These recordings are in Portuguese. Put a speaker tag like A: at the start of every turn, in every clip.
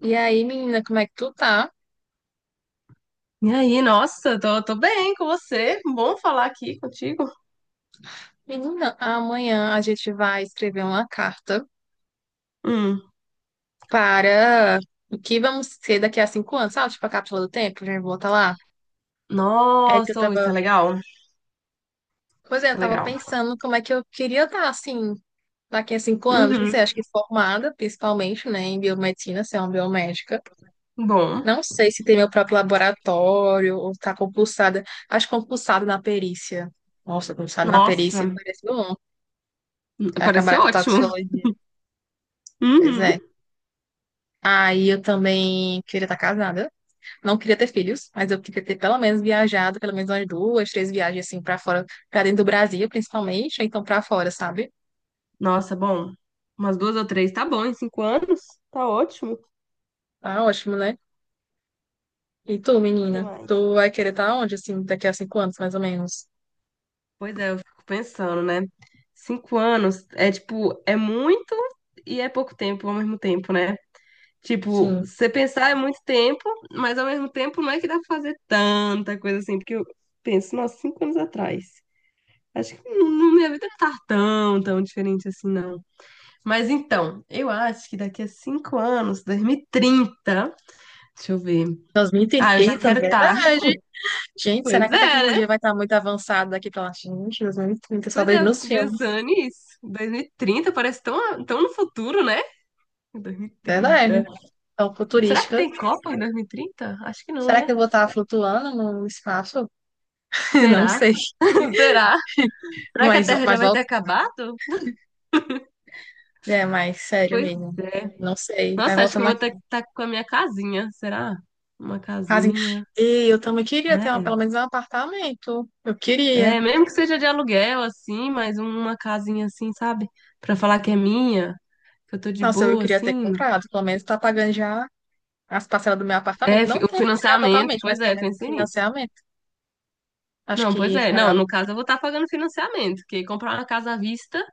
A: E aí, menina, como é que tu tá?
B: E aí, nossa, tô bem com você. Bom falar aqui contigo.
A: Menina, amanhã a gente vai escrever uma carta
B: Hum.
A: para o que vamos ser daqui a cinco anos, sabe? Tipo a cápsula do tempo, a gente volta lá. É que eu
B: Nossa, ô, isso
A: tava.
B: é legal.
A: Pois é,
B: Isso
A: eu
B: é
A: tava
B: legal.
A: pensando como é que eu queria estar assim daqui a cinco anos. Não
B: Uhum.
A: sei, acho que formada, principalmente, né, em biomedicina, ser uma biomédica.
B: Bom.
A: Não sei se ter meu próprio laboratório ou estar compulsada. Acho compulsada na perícia. Nossa, compulsada na perícia
B: Nossa,
A: parece bom.
B: pareceu
A: Acabar com
B: ótimo.
A: toxicologia. Pois
B: Uhum.
A: é. Aí eu também queria estar casada. Não queria ter filhos, mas eu queria ter pelo menos viajado, pelo menos umas duas, três viagens assim pra fora, pra dentro do Brasil, principalmente, ou então pra fora, sabe?
B: Nossa, bom. Umas duas ou três, tá bom, em 5 anos? Tá ótimo. O
A: Tá ótimo, né? E tu, menina?
B: que mais?
A: Tu vai querer estar onde, assim, daqui a cinco anos, mais ou menos?
B: Pois é, eu fico pensando, né? 5 anos é tipo, é muito e é pouco tempo ao mesmo tempo, né? Tipo,
A: Sim.
B: você pensar é muito tempo, mas ao mesmo tempo não é que dá pra fazer tanta coisa assim, porque eu penso, nossa, 5 anos atrás. Acho que minha vida não tá tão, tão diferente assim, não. Mas então, eu acho que daqui a 5 anos, 2030, deixa eu ver.
A: 2030,
B: Ah, eu já
A: eita,
B: quero estar.
A: verdade. Gente,
B: Pois
A: será que a
B: é, né?
A: tecnologia vai estar muito avançada daqui pra lá? Gente, 2030, só
B: Pois é,
A: vejo
B: eu
A: nos
B: fico
A: filmes.
B: pensando nisso. 2030 parece tão, tão no futuro, né?
A: Verdade.
B: 2030.
A: Então,
B: Será que
A: futurística.
B: tem Copa em 2030? Acho que não,
A: Será
B: né?
A: que eu vou estar flutuando no espaço? Não
B: Será?
A: sei.
B: Será? Será que a
A: Mas,
B: Terra já
A: mas
B: vai ter acabado?
A: é, mas sério
B: Pois
A: mesmo.
B: é.
A: Não sei. Vai
B: Nossa, acho que eu
A: voltando
B: vou ter que
A: aqui.
B: estar com a minha casinha, será? Uma
A: Assim,
B: casinha.
A: e eu também queria ter uma, pelo menos um apartamento. Eu queria.
B: Mesmo que seja de aluguel, assim, mas uma casinha assim, sabe? Pra falar que é minha, que eu tô de
A: Nossa, eu
B: boa,
A: queria ter
B: assim.
A: comprado. Pelo menos tá pagando já as parcelas do meu apartamento.
B: É,
A: Não
B: o
A: ter pagado
B: financiamento,
A: totalmente, mas
B: pois
A: pelo
B: é,
A: menos
B: pensei nisso.
A: financiamento. Acho
B: Não,
A: que
B: pois é. Não,
A: era
B: no caso eu vou estar pagando financiamento, porque comprar uma casa à vista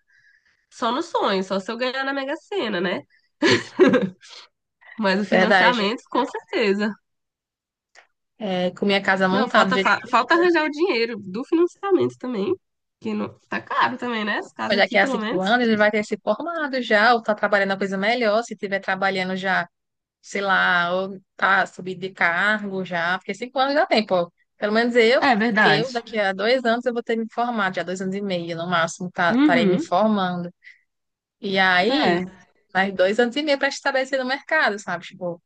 B: só no sonho, só se eu ganhar na Mega Sena, né? Mas o
A: verdade.
B: financiamento, com certeza.
A: É, com minha casa
B: Não,
A: montada do jeito que eu
B: falta
A: queria.
B: arranjar o dinheiro do financiamento também, que não, tá caro também, né? Essa
A: Mas
B: casa
A: daqui
B: aqui,
A: a
B: pelo
A: cinco
B: menos.
A: anos ele vai ter se formado já, ou tá trabalhando a coisa melhor, se tiver trabalhando já. Sei lá, ou tá subido de cargo já, porque cinco anos dá tempo, ó. Pelo menos
B: É
A: eu
B: verdade.
A: daqui a dois anos eu vou ter me formado, já dois anos e meio no máximo, tá, estarei me
B: Uhum,
A: formando. E aí,
B: é.
A: mais dois anos e meio para estabelecer no mercado, sabe? Tipo,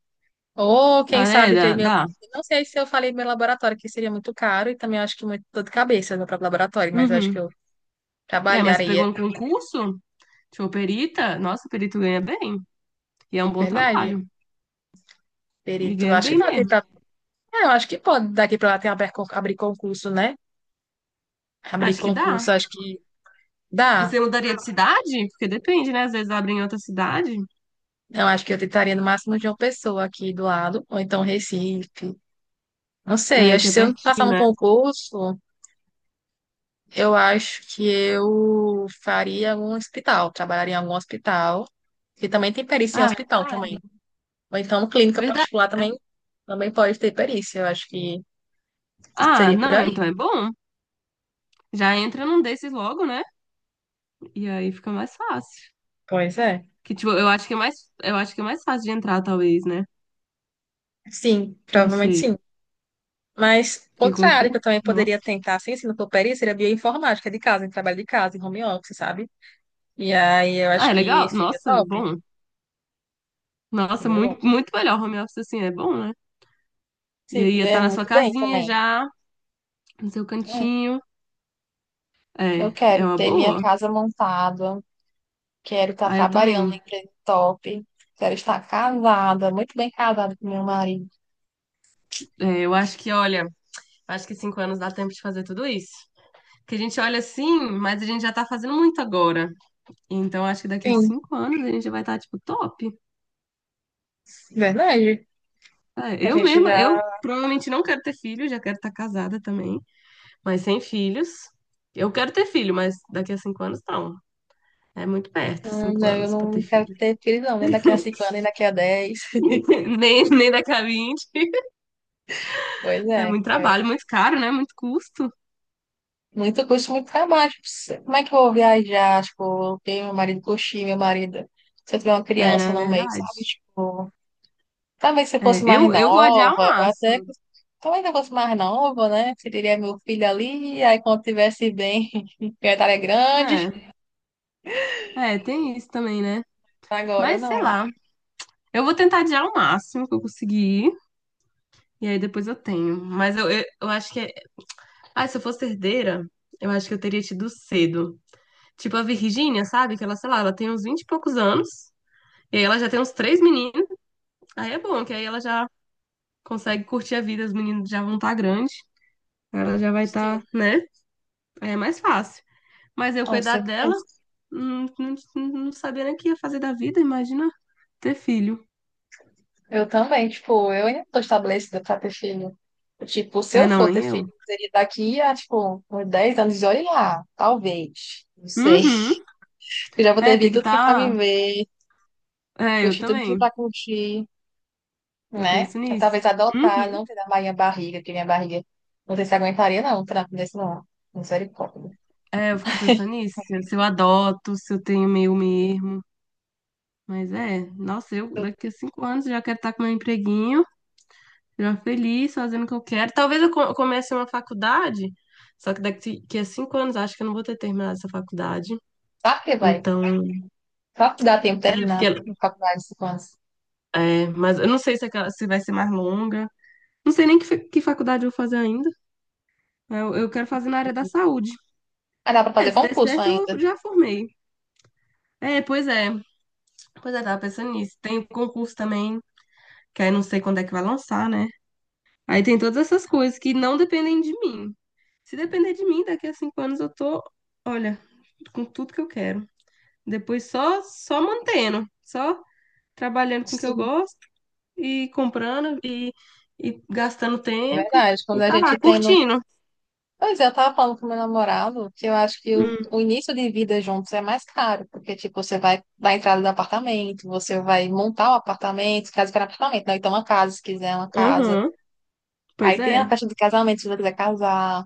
A: ou
B: Ah,
A: quem
B: é,
A: sabe ter
B: dá,
A: meu.
B: dá.
A: Eu Não sei se eu falei meu laboratório, que seria muito caro, e também acho que muito dor de cabeça meu próprio laboratório, mas eu acho que
B: Uhum.
A: eu
B: É, mas pegou
A: trabalharia,
B: um concurso, tipo, perita, nossa, perito ganha bem, e é um bom
A: verdade?
B: trabalho, e
A: Perito,
B: ganha
A: acho que
B: bem
A: dá tempo
B: mesmo.
A: pra... É, eu acho que pode, daqui para lá tem abrir concurso, né? Abrir
B: Acho que dá.
A: concurso, acho que
B: E você
A: dá.
B: mudaria de cidade? Porque depende, né? Às vezes abrem em outra cidade,
A: Eu acho que eu tentaria no máximo de uma pessoa aqui do lado, ou então Recife. Não sei,
B: é,
A: acho
B: que
A: que
B: é
A: se eu não passar
B: pertinho,
A: no
B: né?
A: concurso, eu acho que eu faria algum hospital, trabalharia em algum hospital, que também tem perícia em
B: Ah,
A: hospital
B: verdade.
A: também. Ou então clínica
B: Verdade,
A: particular
B: né?
A: também, também pode ter perícia, eu acho que
B: Ah,
A: seria por
B: não,
A: aí.
B: então é bom. Já entra num desses logo, né? E aí fica mais fácil.
A: Pois é.
B: Que, tipo, eu acho que é mais fácil de entrar, talvez, né?
A: Sim,
B: Não
A: provavelmente
B: sei.
A: sim. Mas
B: Que
A: outra área que eu
B: concurso?
A: também poderia
B: Nossa.
A: tentar, sem se não for perícia, seria bioinformática de casa, em trabalho de casa, em home office, sabe? E aí eu
B: Ah,
A: acho
B: é
A: que
B: legal?
A: seria
B: Nossa,
A: top.
B: bom. Nossa,
A: Seria bom.
B: muito, muito melhor home office assim, é bom, né? E
A: Sim,
B: aí
A: que
B: ia estar
A: ganha
B: na sua
A: muito bem
B: casinha
A: também.
B: já, no seu
A: É,
B: cantinho.
A: eu
B: É, é
A: quero
B: uma
A: ter minha
B: boa.
A: casa montada, quero estar
B: Ah, eu
A: trabalhando em
B: também.
A: empresa top, quero estar casada, muito bem casada com meu marido.
B: É, eu acho que, olha, acho que 5 anos dá tempo de fazer tudo isso. Que a gente olha assim, mas a gente já tá fazendo muito agora. Então, acho que daqui a
A: Sim,
B: cinco anos a gente já vai estar, tipo, top.
A: verdade.
B: É,
A: A
B: eu
A: gente
B: mesma,
A: já.
B: eu provavelmente não quero ter filho, já quero estar casada também. Mas sem filhos. Eu quero ter filho, mas daqui a 5 anos não. É muito perto, cinco
A: Né, eu
B: anos pra ter
A: não quero
B: filho.
A: ter filhos, não, nem daqui a cinco anos, nem daqui a 10.
B: Nem daqui a 20.
A: Pois
B: É
A: é,
B: muito trabalho,
A: quero
B: muito caro, né? Muito custo.
A: muito custo, muito trabalho. Como é que eu vou viajar? Tipo, eu tenho meu marido, curtir meu marido. Se eu tiver uma
B: É,
A: criança
B: na
A: no meio,
B: verdade.
A: sabe? Tipo. Talvez se
B: É,
A: fosse mais
B: eu vou adiar o
A: nova, ou
B: máximo,
A: talvez se eu fosse mais nova, né? Teria meu filho ali, aí quando tivesse bem, eu estaria grande.
B: né? É, tem isso também, né?
A: Agora
B: Mas sei
A: não.
B: lá. Eu vou tentar adiar o máximo que eu conseguir. E aí depois eu tenho. Mas eu acho que. É- Ah, se eu fosse herdeira, eu acho que eu teria tido cedo. Tipo a Virgínia, sabe? Que ela, sei lá, ela tem uns 20 e poucos anos. E aí ela já tem uns três meninos. Aí é bom, que aí ela já consegue curtir a vida, os meninos já vão estar grandes. Ela já vai estar,
A: Sim.
B: né? Aí é mais fácil. Mas eu
A: Com
B: cuidar dela,
A: certeza.
B: não, não, não sabia nem o que ia fazer da vida, imagina ter filho.
A: Eu também, tipo, eu ainda não tô estabelecida pra ter filho. Tipo, se
B: É,
A: eu
B: não,
A: for ter
B: nem
A: filho,
B: eu.
A: seria daqui a, tipo, uns 10 anos, e olha lá, talvez. Não sei.
B: Uhum.
A: Eu já vou
B: É,
A: ter
B: tem
A: vivido
B: que
A: tudo que é pra
B: estar.
A: viver,
B: É, eu
A: curtir tudo que é
B: também.
A: pra curtir.
B: Eu
A: Né?
B: penso
A: Eu,
B: nisso.
A: talvez adotar,
B: Uhum.
A: não ter da minha barriga, porque minha barriga não sei se aguentaria, não, um trampo desse não. Misericórdia.
B: É, eu fico pensando nisso. Se eu adoto, se eu tenho meu mesmo. Mas é, nossa, eu daqui a 5 anos já quero estar com meu empreguinho. Já feliz, fazendo o que eu quero. Talvez comece uma faculdade, só que daqui que a 5 anos acho que eu não vou ter terminado essa faculdade.
A: Claro que vai.
B: Então,
A: Só que dá tempo de
B: é,
A: terminar a
B: porque,
A: faculdade de cinco anos.
B: é, mas eu não sei se, aquela, se vai ser mais longa. Não sei nem que, que faculdade eu vou fazer ainda. Eu quero fazer na área da
A: Entendi.
B: saúde.
A: Ah, dá pra
B: É,
A: fazer
B: se der
A: concurso
B: certo,
A: ainda.
B: eu já formei. É, pois é. Pois é, tava pensando nisso. Tem o concurso também, que aí não sei quando é que vai lançar, né? Aí tem todas essas coisas que não dependem de mim. Se depender de mim, daqui a 5 anos eu tô, olha, com tudo que eu quero. Depois só mantendo, só trabalhando com o que eu
A: Sim.
B: gosto e e gastando
A: É
B: tempo
A: verdade. Quando
B: e
A: a
B: tá lá,
A: gente tem no.
B: curtindo.
A: Pois é, eu tava falando com meu namorado que eu acho que o,
B: Hum,
A: o início de vida juntos é mais caro, porque, tipo, você vai dar a entrada no apartamento, você vai montar o apartamento, caso queira apartamento, não, então uma casa, se quiser uma casa.
B: aham, pois
A: Aí tem a
B: é.
A: festa de casamento, se você quiser casar.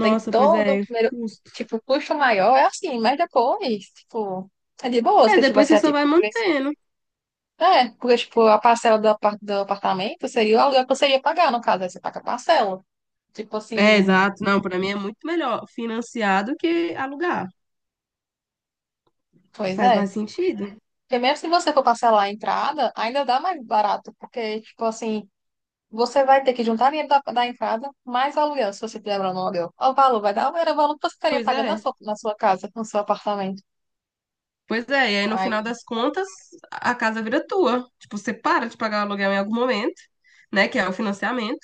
A: Tem
B: pois
A: todo o
B: é,
A: primeiro,
B: custo.
A: tipo, o custo maior, é assim, mas depois, tipo, é de boa,
B: É,
A: se
B: depois
A: tivesse,
B: você
A: é,
B: só vai
A: tipo, o preço.
B: mantendo.
A: É, porque, tipo, a parcela do, do apartamento seria o aluguel que você ia pagar, no caso, aí você paga a parcela. Tipo assim,
B: É, exato. Não, pra mim é muito melhor financiar do que alugar.
A: pois
B: Faz
A: é.
B: mais sentido.
A: Porque mesmo se você for parcelar a entrada, ainda dá mais barato, porque, tipo assim, você vai ter que juntar dinheiro da entrada mais o aluguel, se você tiver morando no aluguel. O valor vai dar, era o valor que você estaria
B: Pois
A: pagando
B: é.
A: na sua casa, no seu apartamento.
B: Pois é, e aí no final
A: Aí,
B: das contas, a casa vira tua. Tipo, você para de pagar o aluguel em algum momento, né? Que é o financiamento,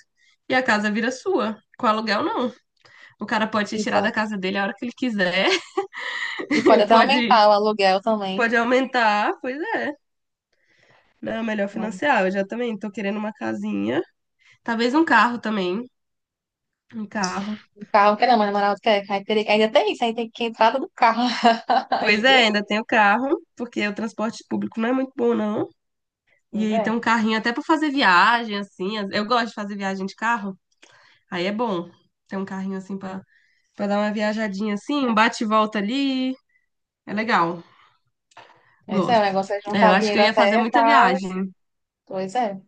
B: e a casa vira sua. Com aluguel, não. O cara pode te tirar da
A: exato.
B: casa dele a hora que ele quiser,
A: E pode
B: ele
A: até
B: pode,
A: aumentar o aluguel também.
B: pode aumentar, pois é. Não, é melhor
A: Não,
B: financiar. Eu já também tô querendo uma casinha. Talvez um carro também. Um carro.
A: o carro não quer não, mas namorado quer. Aí teria que- ainda tem isso, aí tem que entrada do carro
B: Pois é,
A: ainda.
B: ainda tem o carro, porque o transporte público não é muito bom, não. E
A: Pois
B: aí tem
A: é.
B: um carrinho até pra fazer viagem, assim. Eu gosto de fazer viagem de carro. Aí é bom ter um carrinho assim pra dar uma viajadinha assim, um bate e volta ali. É legal,
A: Mas é, o
B: gosto.
A: negócio é
B: É, eu
A: juntar
B: acho que
A: dinheiro
B: eu ia fazer
A: até e
B: muita
A: tal.
B: viagem.
A: Pois é.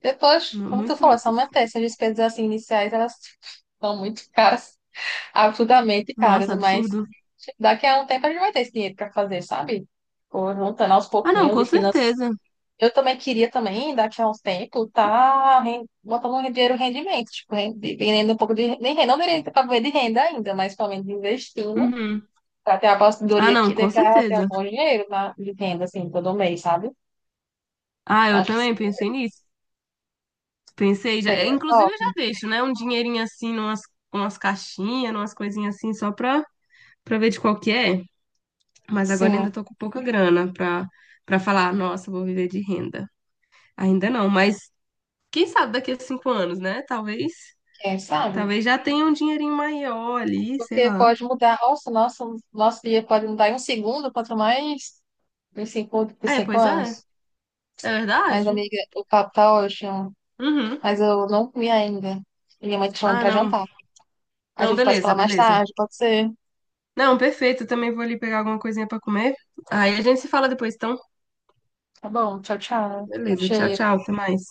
A: Depois, como tu
B: Muito.
A: falou, é só manter essas despesas assim iniciais, elas são muito caras, absurdamente caras,
B: Nossa,
A: mas
B: absurdo.
A: daqui a um tempo a gente vai ter esse dinheiro para fazer, sabe? Por juntando aos
B: Ah, não,
A: pouquinhos
B: com
A: e finan.
B: certeza.
A: Eu também queria também, daqui a uns tempos, tá botando um dinheiro em rendimento, tipo, vendendo um pouco de. Nem renda, não direito para ver de renda ainda, mas pelo menos investindo,
B: Uhum.
A: para ter a
B: Ah,
A: aposentadoria
B: não,
A: aqui, daí
B: com
A: pra ter um
B: certeza.
A: bom dinheiro na, de renda, assim, todo mês, sabe?
B: Ah, eu
A: Acho que
B: também
A: seria,
B: pensei nisso. Pensei já. É,
A: seria
B: inclusive,
A: top.
B: eu já deixo, né? Um dinheirinho assim, numas, umas caixinhas, umas coisinhas assim, pra ver de qual que é. Mas agora
A: Sim,
B: ainda tô com pouca grana pra falar, nossa, vou viver de renda. Ainda não, mas quem sabe daqui a 5 anos, né? Talvez.
A: quem sabe?
B: Talvez já tenha um dinheirinho maior ali, sei
A: Porque
B: lá.
A: pode mudar, nossa, nosso dia pode mudar em um segundo, quanto mais em
B: É,
A: cinco
B: pois é.
A: anos.
B: É
A: Mas,
B: verdade?
A: amiga, o papo tá ótimo,
B: Uhum.
A: mas eu não comi ainda. Minha mãe tá chamando
B: Ah,
A: pra
B: não.
A: jantar. A
B: Não,
A: gente pode
B: beleza,
A: falar mais
B: beleza.
A: tarde, pode ser?
B: Não, perfeito. Eu também vou ali pegar alguma coisinha pra comer. Aí a gente se fala depois, então.
A: Tá bom, tchau, tchau.
B: Beleza, tchau,
A: Cheiro.
B: tchau. Até mais.